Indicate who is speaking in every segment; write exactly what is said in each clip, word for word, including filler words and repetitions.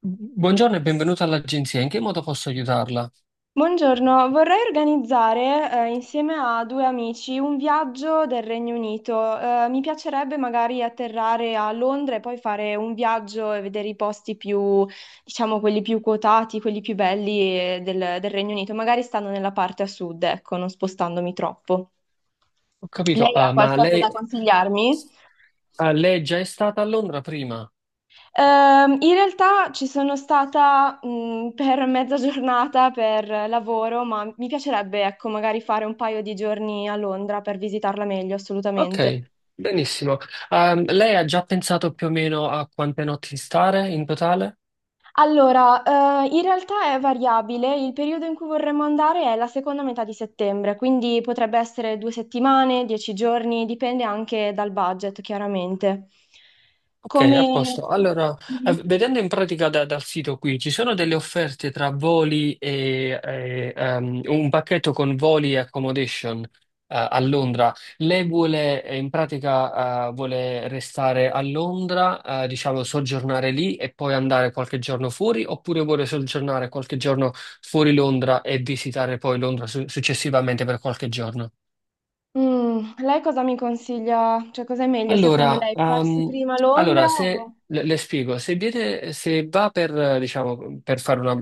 Speaker 1: Buongiorno e benvenuta all'agenzia. In che modo posso aiutarla?
Speaker 2: Buongiorno, vorrei organizzare, eh, insieme a due amici un viaggio del Regno Unito. Eh, mi piacerebbe magari atterrare a Londra e poi fare un viaggio e vedere i posti più, diciamo, quelli più quotati, quelli più belli, eh, del, del Regno Unito, magari stando nella parte a sud, ecco, non spostandomi troppo.
Speaker 1: Ho capito,
Speaker 2: Lei ha
Speaker 1: ah, ma
Speaker 2: qualcosa
Speaker 1: lei,
Speaker 2: da consigliarmi?
Speaker 1: ah, lei già è stata a Londra prima?
Speaker 2: Ehm, in realtà ci sono stata, mh, per mezza giornata per lavoro, ma mi piacerebbe, ecco, magari fare un paio di giorni a Londra per visitarla meglio,
Speaker 1: Ok,
Speaker 2: assolutamente.
Speaker 1: benissimo. Ah, lei ha già pensato più o meno a quante notti stare in totale?
Speaker 2: Allora, eh, in realtà è variabile, il periodo in cui vorremmo andare è la seconda metà di settembre, quindi potrebbe essere due settimane, dieci giorni, dipende anche dal budget, chiaramente.
Speaker 1: Ok, a
Speaker 2: Come.
Speaker 1: posto. Allora, eh,
Speaker 2: Mhm.
Speaker 1: vedendo in pratica da- dal sito qui, ci sono delle offerte tra voli e, e, ehm, un pacchetto con voli e accommodation, eh, a Londra. Lei vuole, eh, in pratica, eh, vuole restare a Londra, eh, diciamo, soggiornare lì e poi andare qualche giorno fuori, oppure vuole soggiornare qualche giorno fuori Londra e visitare poi Londra su- successivamente per qualche giorno?
Speaker 2: Mm, lei cosa mi consiglia? Cioè, cosa è meglio secondo
Speaker 1: Allora,
Speaker 2: lei? Farsi
Speaker 1: ehm,
Speaker 2: prima Londra
Speaker 1: allora, se
Speaker 2: o.
Speaker 1: le, le spiego, se viene, se va per, eh, diciamo, per fare una,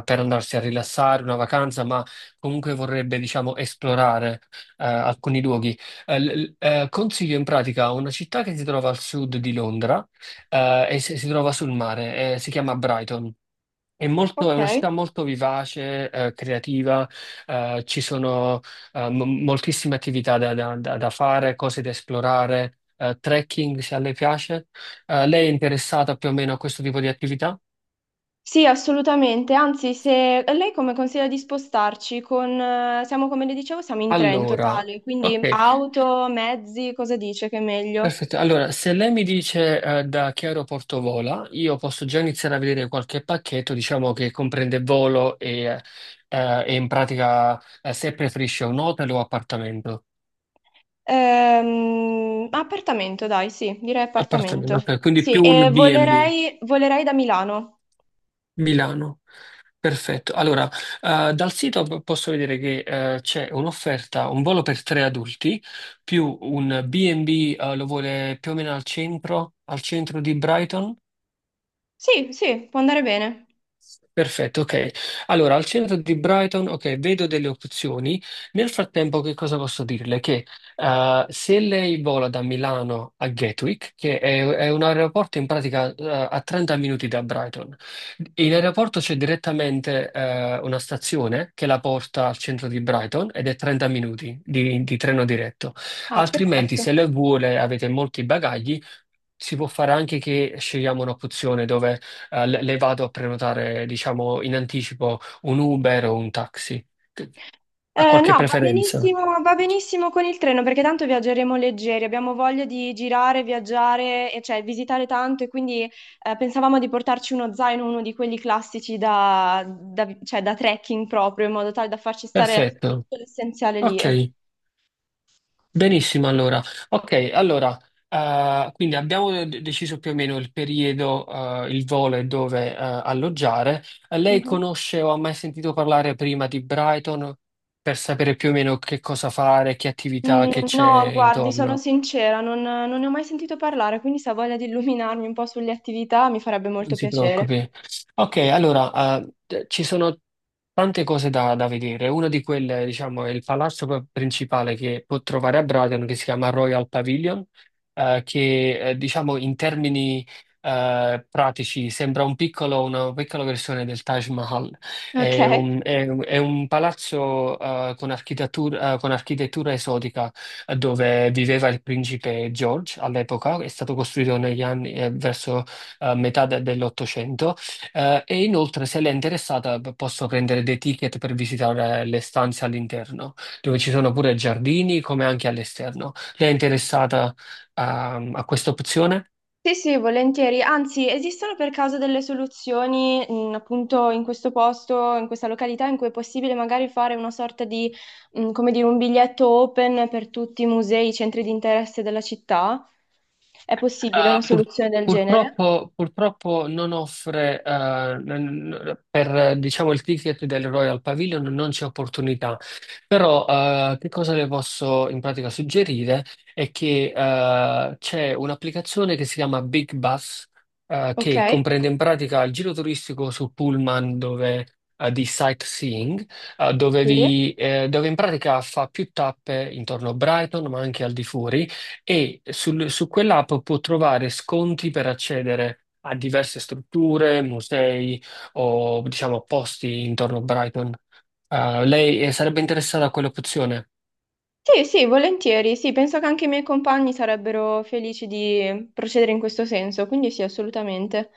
Speaker 1: eh, per andarsi a rilassare, una vacanza, ma comunque vorrebbe, diciamo, esplorare, eh, alcuni luoghi, eh, l- l- eh, consiglio in pratica una città che si trova al sud di Londra, eh, e si, si trova sul mare, eh, si chiama Brighton. È molto- è una
Speaker 2: Ok.
Speaker 1: città molto vivace, eh, creativa, eh, ci sono eh, mo- moltissime attività da, da- da- da fare, cose da esplorare, eh, trekking se a lei piace. Eh, lei è interessata più o meno a questo tipo di attività?
Speaker 2: Sì, assolutamente. Anzi, se lei come consiglia di spostarci con. eh, Siamo, come le dicevo, siamo in tre in
Speaker 1: Allora,
Speaker 2: totale, quindi
Speaker 1: ok,
Speaker 2: auto, mezzi, cosa dice che è meglio?
Speaker 1: perfetto. Allora, se lei mi dice eh, da che aeroporto vola, io posso già iniziare a vedere qualche pacchetto, diciamo che comprende volo e, eh, e in pratica eh, se preferisce un hotel o appartamento.
Speaker 2: Ehm, appartamento, dai, sì, direi appartamento.
Speaker 1: Appartamento, ok, quindi
Speaker 2: Sì,
Speaker 1: più
Speaker 2: e
Speaker 1: un B and B,
Speaker 2: volerei, volerei da Milano.
Speaker 1: Milano. Perfetto. Allora, eh, dal sito p- posso vedere che eh, c'è un'offerta, un volo per tre adulti, più un B and B, eh, lo vuole più o meno al centro, al centro di Brighton.
Speaker 2: Sì, sì, può andare bene.
Speaker 1: Perfetto, ok. Allora, al centro di Brighton, ok, vedo delle opzioni. Nel frattempo, che cosa posso dirle? Che eh, se lei vola da Milano a Gatwick, che è, è un aeroporto in pratica eh, a trenta minuti da Brighton, in aeroporto c'è direttamente eh, una stazione che la porta al centro di Brighton ed è trenta minuti di, di treno diretto.
Speaker 2: Ah,
Speaker 1: Altrimenti,
Speaker 2: perfetto.
Speaker 1: se lei vuole, avete molti bagagli. Si può fare anche che scegliamo un'opzione dove eh, le, le vado a prenotare, diciamo, in anticipo un Uber o un taxi. Ha
Speaker 2: Eh,
Speaker 1: qualche
Speaker 2: no, va
Speaker 1: preferenza?
Speaker 2: benissimo, va benissimo con il treno perché tanto viaggeremo leggeri, abbiamo voglia di girare, viaggiare, e cioè visitare tanto e quindi eh, pensavamo di portarci uno zaino, uno di quelli classici da, da- cioè, da trekking proprio, in modo tale da farci stare
Speaker 1: Perfetto.
Speaker 2: tutto l'essenziale lì.
Speaker 1: Ok,
Speaker 2: Es-
Speaker 1: benissimo allora. Ok, allora, eh, quindi abbiamo de- deciso più o meno il periodo, eh, il volo e dove, eh, alloggiare. Eh, Lei
Speaker 2: Mhm.
Speaker 1: conosce o ha mai sentito parlare prima di Brighton per sapere più o meno che cosa fare, che attività che
Speaker 2: Mm, no,
Speaker 1: c'è
Speaker 2: guardi, sono
Speaker 1: intorno?
Speaker 2: sincera, non, non ne ho mai sentito parlare, quindi se ha voglia di illuminarmi un po' sulle attività mi farebbe
Speaker 1: Non
Speaker 2: molto
Speaker 1: si
Speaker 2: piacere.
Speaker 1: preoccupi. Ok, allora, eh, d- ci sono tante cose da, da vedere. Una di quelle, diciamo, è il palazzo p- principale che può trovare a Brighton, che si chiama Royal Pavilion, eh, che, eh, diciamo, in termini, eh, pratici sembra un piccolo- una piccola versione del Taj Mahal.
Speaker 2: Ok?
Speaker 1: È un, è un- è un palazzo, eh, con architettura, eh, con architettura esotica, eh, dove viveva il principe George all'epoca. È stato costruito negli anni, eh, verso eh, metà de- dell'Ottocento, eh, e inoltre se l'è interessata p- posso prendere dei ticket per visitare le stanze all'interno, dove ci sono pure giardini come anche all'esterno. Lei è interessata a a questa opzione?
Speaker 2: Sì, sì, volentieri. Anzi, esistono per caso delle soluzioni, mh, appunto, in questo posto, in questa località, in cui è possibile magari fare una sorta di, mh, come dire, un biglietto open per tutti i musei, i centri di interesse della città? È possibile una
Speaker 1: Uh, pur-
Speaker 2: soluzione del genere?
Speaker 1: purtroppo, purtroppo non offre, eh, n- n- per eh, diciamo, il ticket del Royal Pavilion non c'è opportunità, però eh, che cosa le posso in pratica suggerire è che eh, c'è un'applicazione che si chiama Big Bus, eh,
Speaker 2: Ok.
Speaker 1: che comprende in pratica il giro turistico su Pullman dove, eh, di sightseeing, eh, dove,
Speaker 2: Sì.
Speaker 1: vi- eh, dove in pratica fa più tappe intorno a Brighton, ma anche al di fuori e sul- su quell'app può trovare sconti per accedere a diverse strutture, musei o diciamo posti intorno a Brighton. Ah, lei eh, sarebbe interessata a quell'opzione?
Speaker 2: Sì, sì, volentieri. Sì, penso che anche i miei compagni sarebbero felici di procedere in questo senso, quindi sì, assolutamente.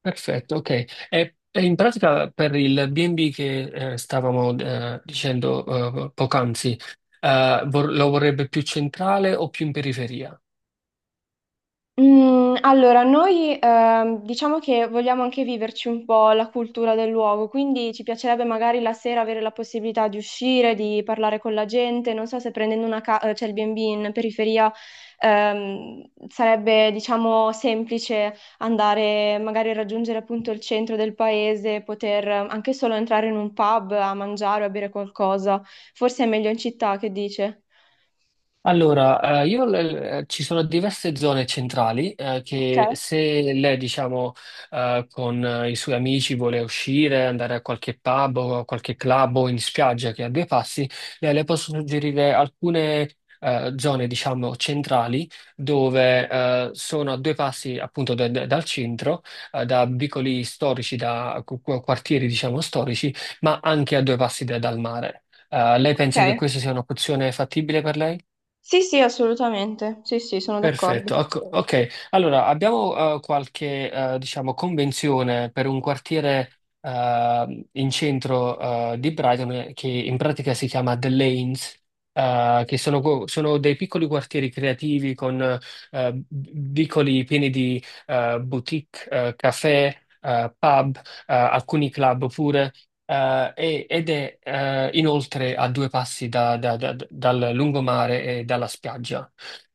Speaker 1: Perfetto, ok. E, e in pratica per il bi e bi che eh, stavamo eh, dicendo eh, poc'anzi, eh, vor- lo vorrebbe più centrale o più in periferia?
Speaker 2: Mm, allora, noi ehm, diciamo che vogliamo anche viverci un po' la cultura del luogo, quindi ci piacerebbe magari la sera avere la possibilità di uscire, di parlare con la gente. Non so se prendendo una ca- eh, cioè il bi e bi in periferia ehm, sarebbe, diciamo, semplice andare magari a raggiungere appunto il centro del paese, poter eh, anche solo entrare in un pub a mangiare o a bere qualcosa. Forse è meglio in città, che dice?
Speaker 1: Allora, eh, io eh, ci sono diverse zone centrali eh,
Speaker 2: Ok,
Speaker 1: che se lei, diciamo, eh, con eh, i suoi amici vuole uscire, andare a qualche pub o a qualche club o in spiaggia che ha due passi, le, le posso suggerire alcune eh, zone, diciamo, centrali dove eh, sono a due passi appunto da- da- dal centro, eh, da vicoli storici, da qu- qu- quartieri, diciamo, storici, ma anche a due passi da- dal mare. Eh, lei pensa che
Speaker 2: ok.
Speaker 1: questa sia un'opzione fattibile per lei?
Speaker 2: Sì, sì, assolutamente. Sì, sì, sono d'accordo.
Speaker 1: Perfetto, ok. ok. Allora, abbiamo eh, qualche, eh, diciamo, convenzione per un quartiere eh, in centro eh, di Brighton eh, che in pratica si chiama The Lanes, eh, che sono, co- sono dei piccoli quartieri creativi con eh, vicoli pieni di eh, boutique, eh, caffè, eh, pub, eh, alcuni club pure. eh, e- ed è eh, inoltre a due passi da- da- da- dal lungomare e dalla spiaggia.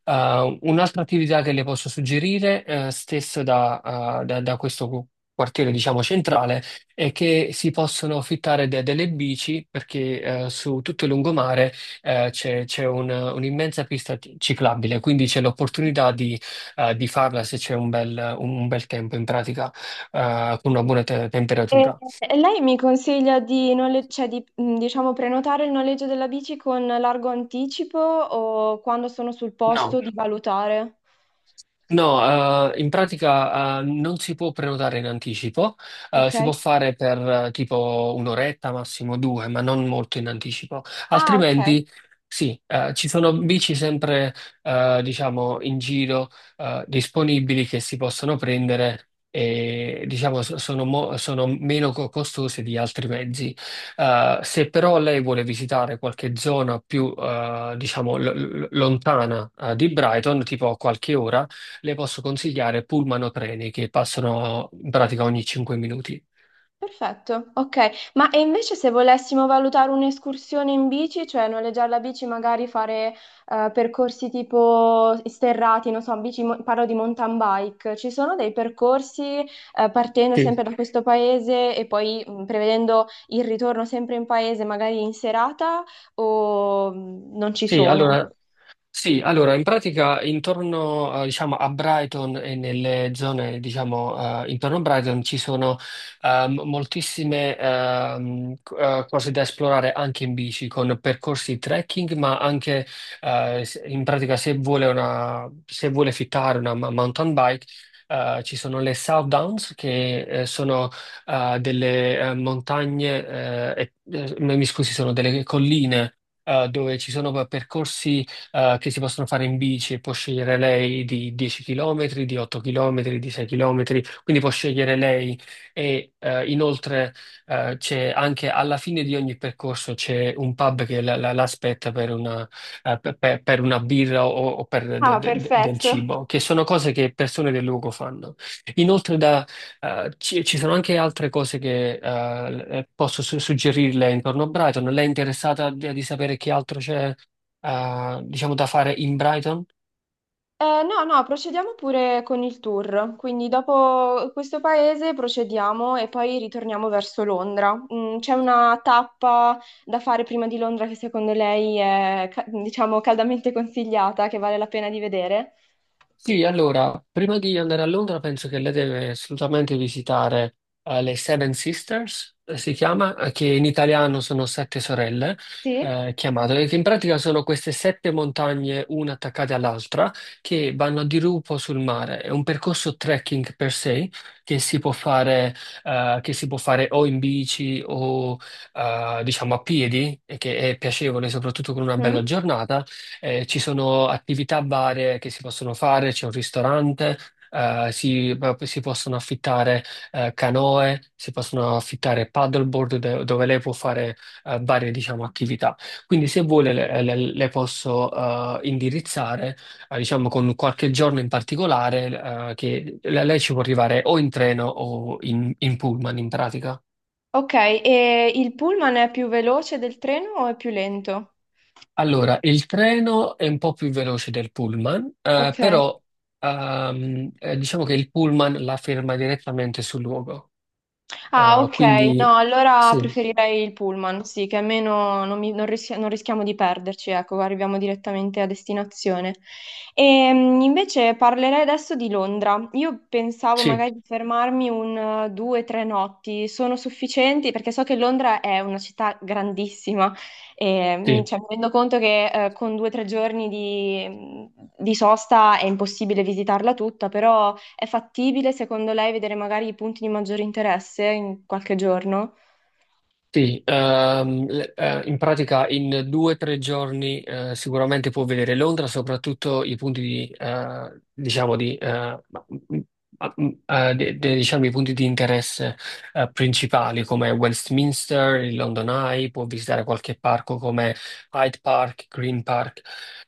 Speaker 1: Uh, un'altra attività che le posso suggerire, eh, stesso da, uh, da- da questo cu- quartiere, diciamo, centrale, è che si possono affittare de- delle bici perché eh, su tutto il lungomare eh, c'è c'è un- un'immensa pista ci- ciclabile, quindi c'è l'opportunità di, eh, di farla se c'è un bel, un bel tempo in pratica, eh, con una buona te-
Speaker 2: E
Speaker 1: temperatura.
Speaker 2: e lei mi consiglia di, nole- cioè di, mh, diciamo, prenotare il noleggio della bici con largo anticipo o quando sono sul posto
Speaker 1: No.
Speaker 2: di valutare?
Speaker 1: No, eh, in pratica, eh, non si può prenotare in anticipo, eh,
Speaker 2: Ok?
Speaker 1: si può fare per eh, tipo un'oretta, massimo due, ma non molto in anticipo.
Speaker 2: Ah, ok.
Speaker 1: Altrimenti, sì, eh, ci sono bici sempre, eh, diciamo, in giro, eh, disponibili che si possono prendere e, diciamo, so- sono, mo- sono meno co- costose di altri mezzi. Eh, se però lei vuole visitare qualche zona più, eh, diciamo, lo- lo- lontana, eh, di Brighton, tipo a qualche ora, le posso consigliare pullman o treni che passano in pratica ogni cinque minuti.
Speaker 2: Perfetto, ok. Ma e invece se volessimo valutare un'escursione in bici, cioè noleggiare la bici, magari fare eh, percorsi tipo sterrati, non so, bici, mo- parlo di mountain bike, ci sono dei percorsi eh, partendo sempre
Speaker 1: Sì.
Speaker 2: da questo paese e poi mh, prevedendo il ritorno sempre in paese, magari in serata, o mh, non ci
Speaker 1: Sì,
Speaker 2: sono?
Speaker 1: allora Sì, allora in pratica intorno eh, diciamo, a Brighton e nelle zone diciamo, eh, intorno a Brighton ci sono ehm, moltissime ehm, c- eh, cose da esplorare anche in bici con percorsi trekking, ma anche eh, se- in pratica se vuole, una, se vuole fittare una ma- mountain bike. Eh, ci sono le South Downs che eh, sono eh, delle eh, montagne, eh, e- eh, mi scusi, sono delle colline eh, dove ci sono eh, percorsi eh, che si possono fare in bici, può scegliere lei di dieci chilometri, di otto chilometri, di sei chilometri, quindi può scegliere lei e eh, inoltre eh, c'è anche alla fine di ogni percorso c'è un pub che la- la- l'aspetta per una, eh, per, per- per una birra o, o per de-
Speaker 2: Ah,
Speaker 1: de- de- del
Speaker 2: perfetto.
Speaker 1: cibo, che sono cose che persone del luogo fanno. Inoltre da, eh, ci, ci sono anche altre cose che eh, posso su- suggerirle intorno a Brighton. Lei è interessata di, di sapere che altro c'è eh, diciamo, da fare in Brighton?
Speaker 2: Eh, no, no, procediamo pure con il tour. Quindi dopo questo paese procediamo e poi ritorniamo verso Londra. Mm, c'è una tappa da fare prima di Londra che secondo lei è, ca- diciamo, caldamente consigliata, che vale la pena di vedere?
Speaker 1: Sì, allora, prima di andare a Londra penso che lei deve assolutamente visitare eh, le Seven Sisters, eh, si chiama, eh, che in italiano sono sette sorelle,
Speaker 2: Sì?
Speaker 1: eh, chiamate, che in pratica sono queste sette montagne, una attaccate all'altra, che vanno a dirupo sul mare. È un percorso trekking per sé che si può fare, eh, che si può fare o in bici o eh, diciamo a piedi, e che è piacevole soprattutto con una bella
Speaker 2: Mm?
Speaker 1: giornata. Eh, ci sono attività varie che si possono fare, c'è un ristorante, eh, si, eh, si possono affittare eh, canoe, si possono affittare paddleboard de- dove lei può fare eh, varie, diciamo, attività. Quindi se vuole le, le- le posso eh, indirizzare, eh, diciamo, con qualche giorno in particolare eh, che lei lei ci può arrivare o in treno o in in pullman in pratica.
Speaker 2: Ok, e il pullman è più veloce del treno o è più lento?
Speaker 1: Allora, il treno è un po' più veloce del pullman, eh,
Speaker 2: Ok.
Speaker 1: però ehm, eh, diciamo che il pullman la ferma direttamente sul luogo.
Speaker 2: Ah,
Speaker 1: Eh,
Speaker 2: ok. No,
Speaker 1: quindi
Speaker 2: allora
Speaker 1: sì,
Speaker 2: preferirei il pullman, sì, che almeno non, mi- non rischi- non rischiamo di perderci, ecco, arriviamo direttamente a destinazione. E, invece parlerei adesso di Londra. Io pensavo
Speaker 1: sì,
Speaker 2: magari di fermarmi un eh, due, tre notti. Sono sufficienti? Perché so che Londra è una città grandissima e mi,
Speaker 1: sì.
Speaker 2: cioè, mi rendo conto che eh, con due o tre giorni di, di sosta è impossibile visitarla tutta, però. È fattibile, secondo lei, vedere magari i punti di maggiore interesse in qualche giorno?
Speaker 1: Sì, ehm, le- eh, in pratica in due o tre giorni eh, sicuramente può vedere Londra, soprattutto i punti di, eh, diciamo di, eh, ma- m- ma- m- eh, de- de- diciamo i punti di interesse eh, principali come Westminster, il London Eye, può visitare qualche parco come Hyde Park, Green Park.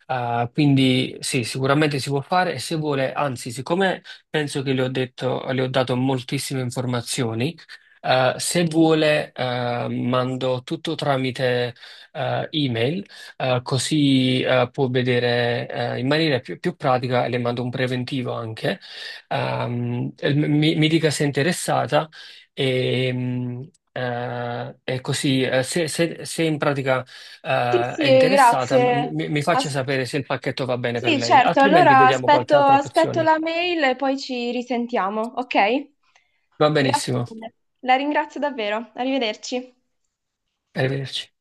Speaker 1: Eh, quindi sì, sicuramente si può fare e se vuole, anzi, siccome penso che le ho detto, le ho dato moltissime informazioni. Eh, se vuole, eh, mando tutto tramite eh, email, eh, così eh, può vedere eh, in maniera più, più pratica e le mando un preventivo anche. Ehm, e mi, mi dica se è interessata e, mm, eh, e così eh, se, se- se in pratica
Speaker 2: Sì,
Speaker 1: eh, è
Speaker 2: sì,
Speaker 1: interessata m-
Speaker 2: grazie.
Speaker 1: mi, mi faccia
Speaker 2: As-
Speaker 1: sapere se il pacchetto va bene per
Speaker 2: sì,
Speaker 1: lei,
Speaker 2: certo,
Speaker 1: altrimenti
Speaker 2: allora
Speaker 1: vediamo qualche
Speaker 2: aspetto,
Speaker 1: altra
Speaker 2: aspetto
Speaker 1: opzione.
Speaker 2: la mail e poi ci risentiamo, ok?
Speaker 1: Va
Speaker 2: Grazie
Speaker 1: benissimo,
Speaker 2: mille. La ringrazio davvero. Arrivederci.
Speaker 1: arrivederci.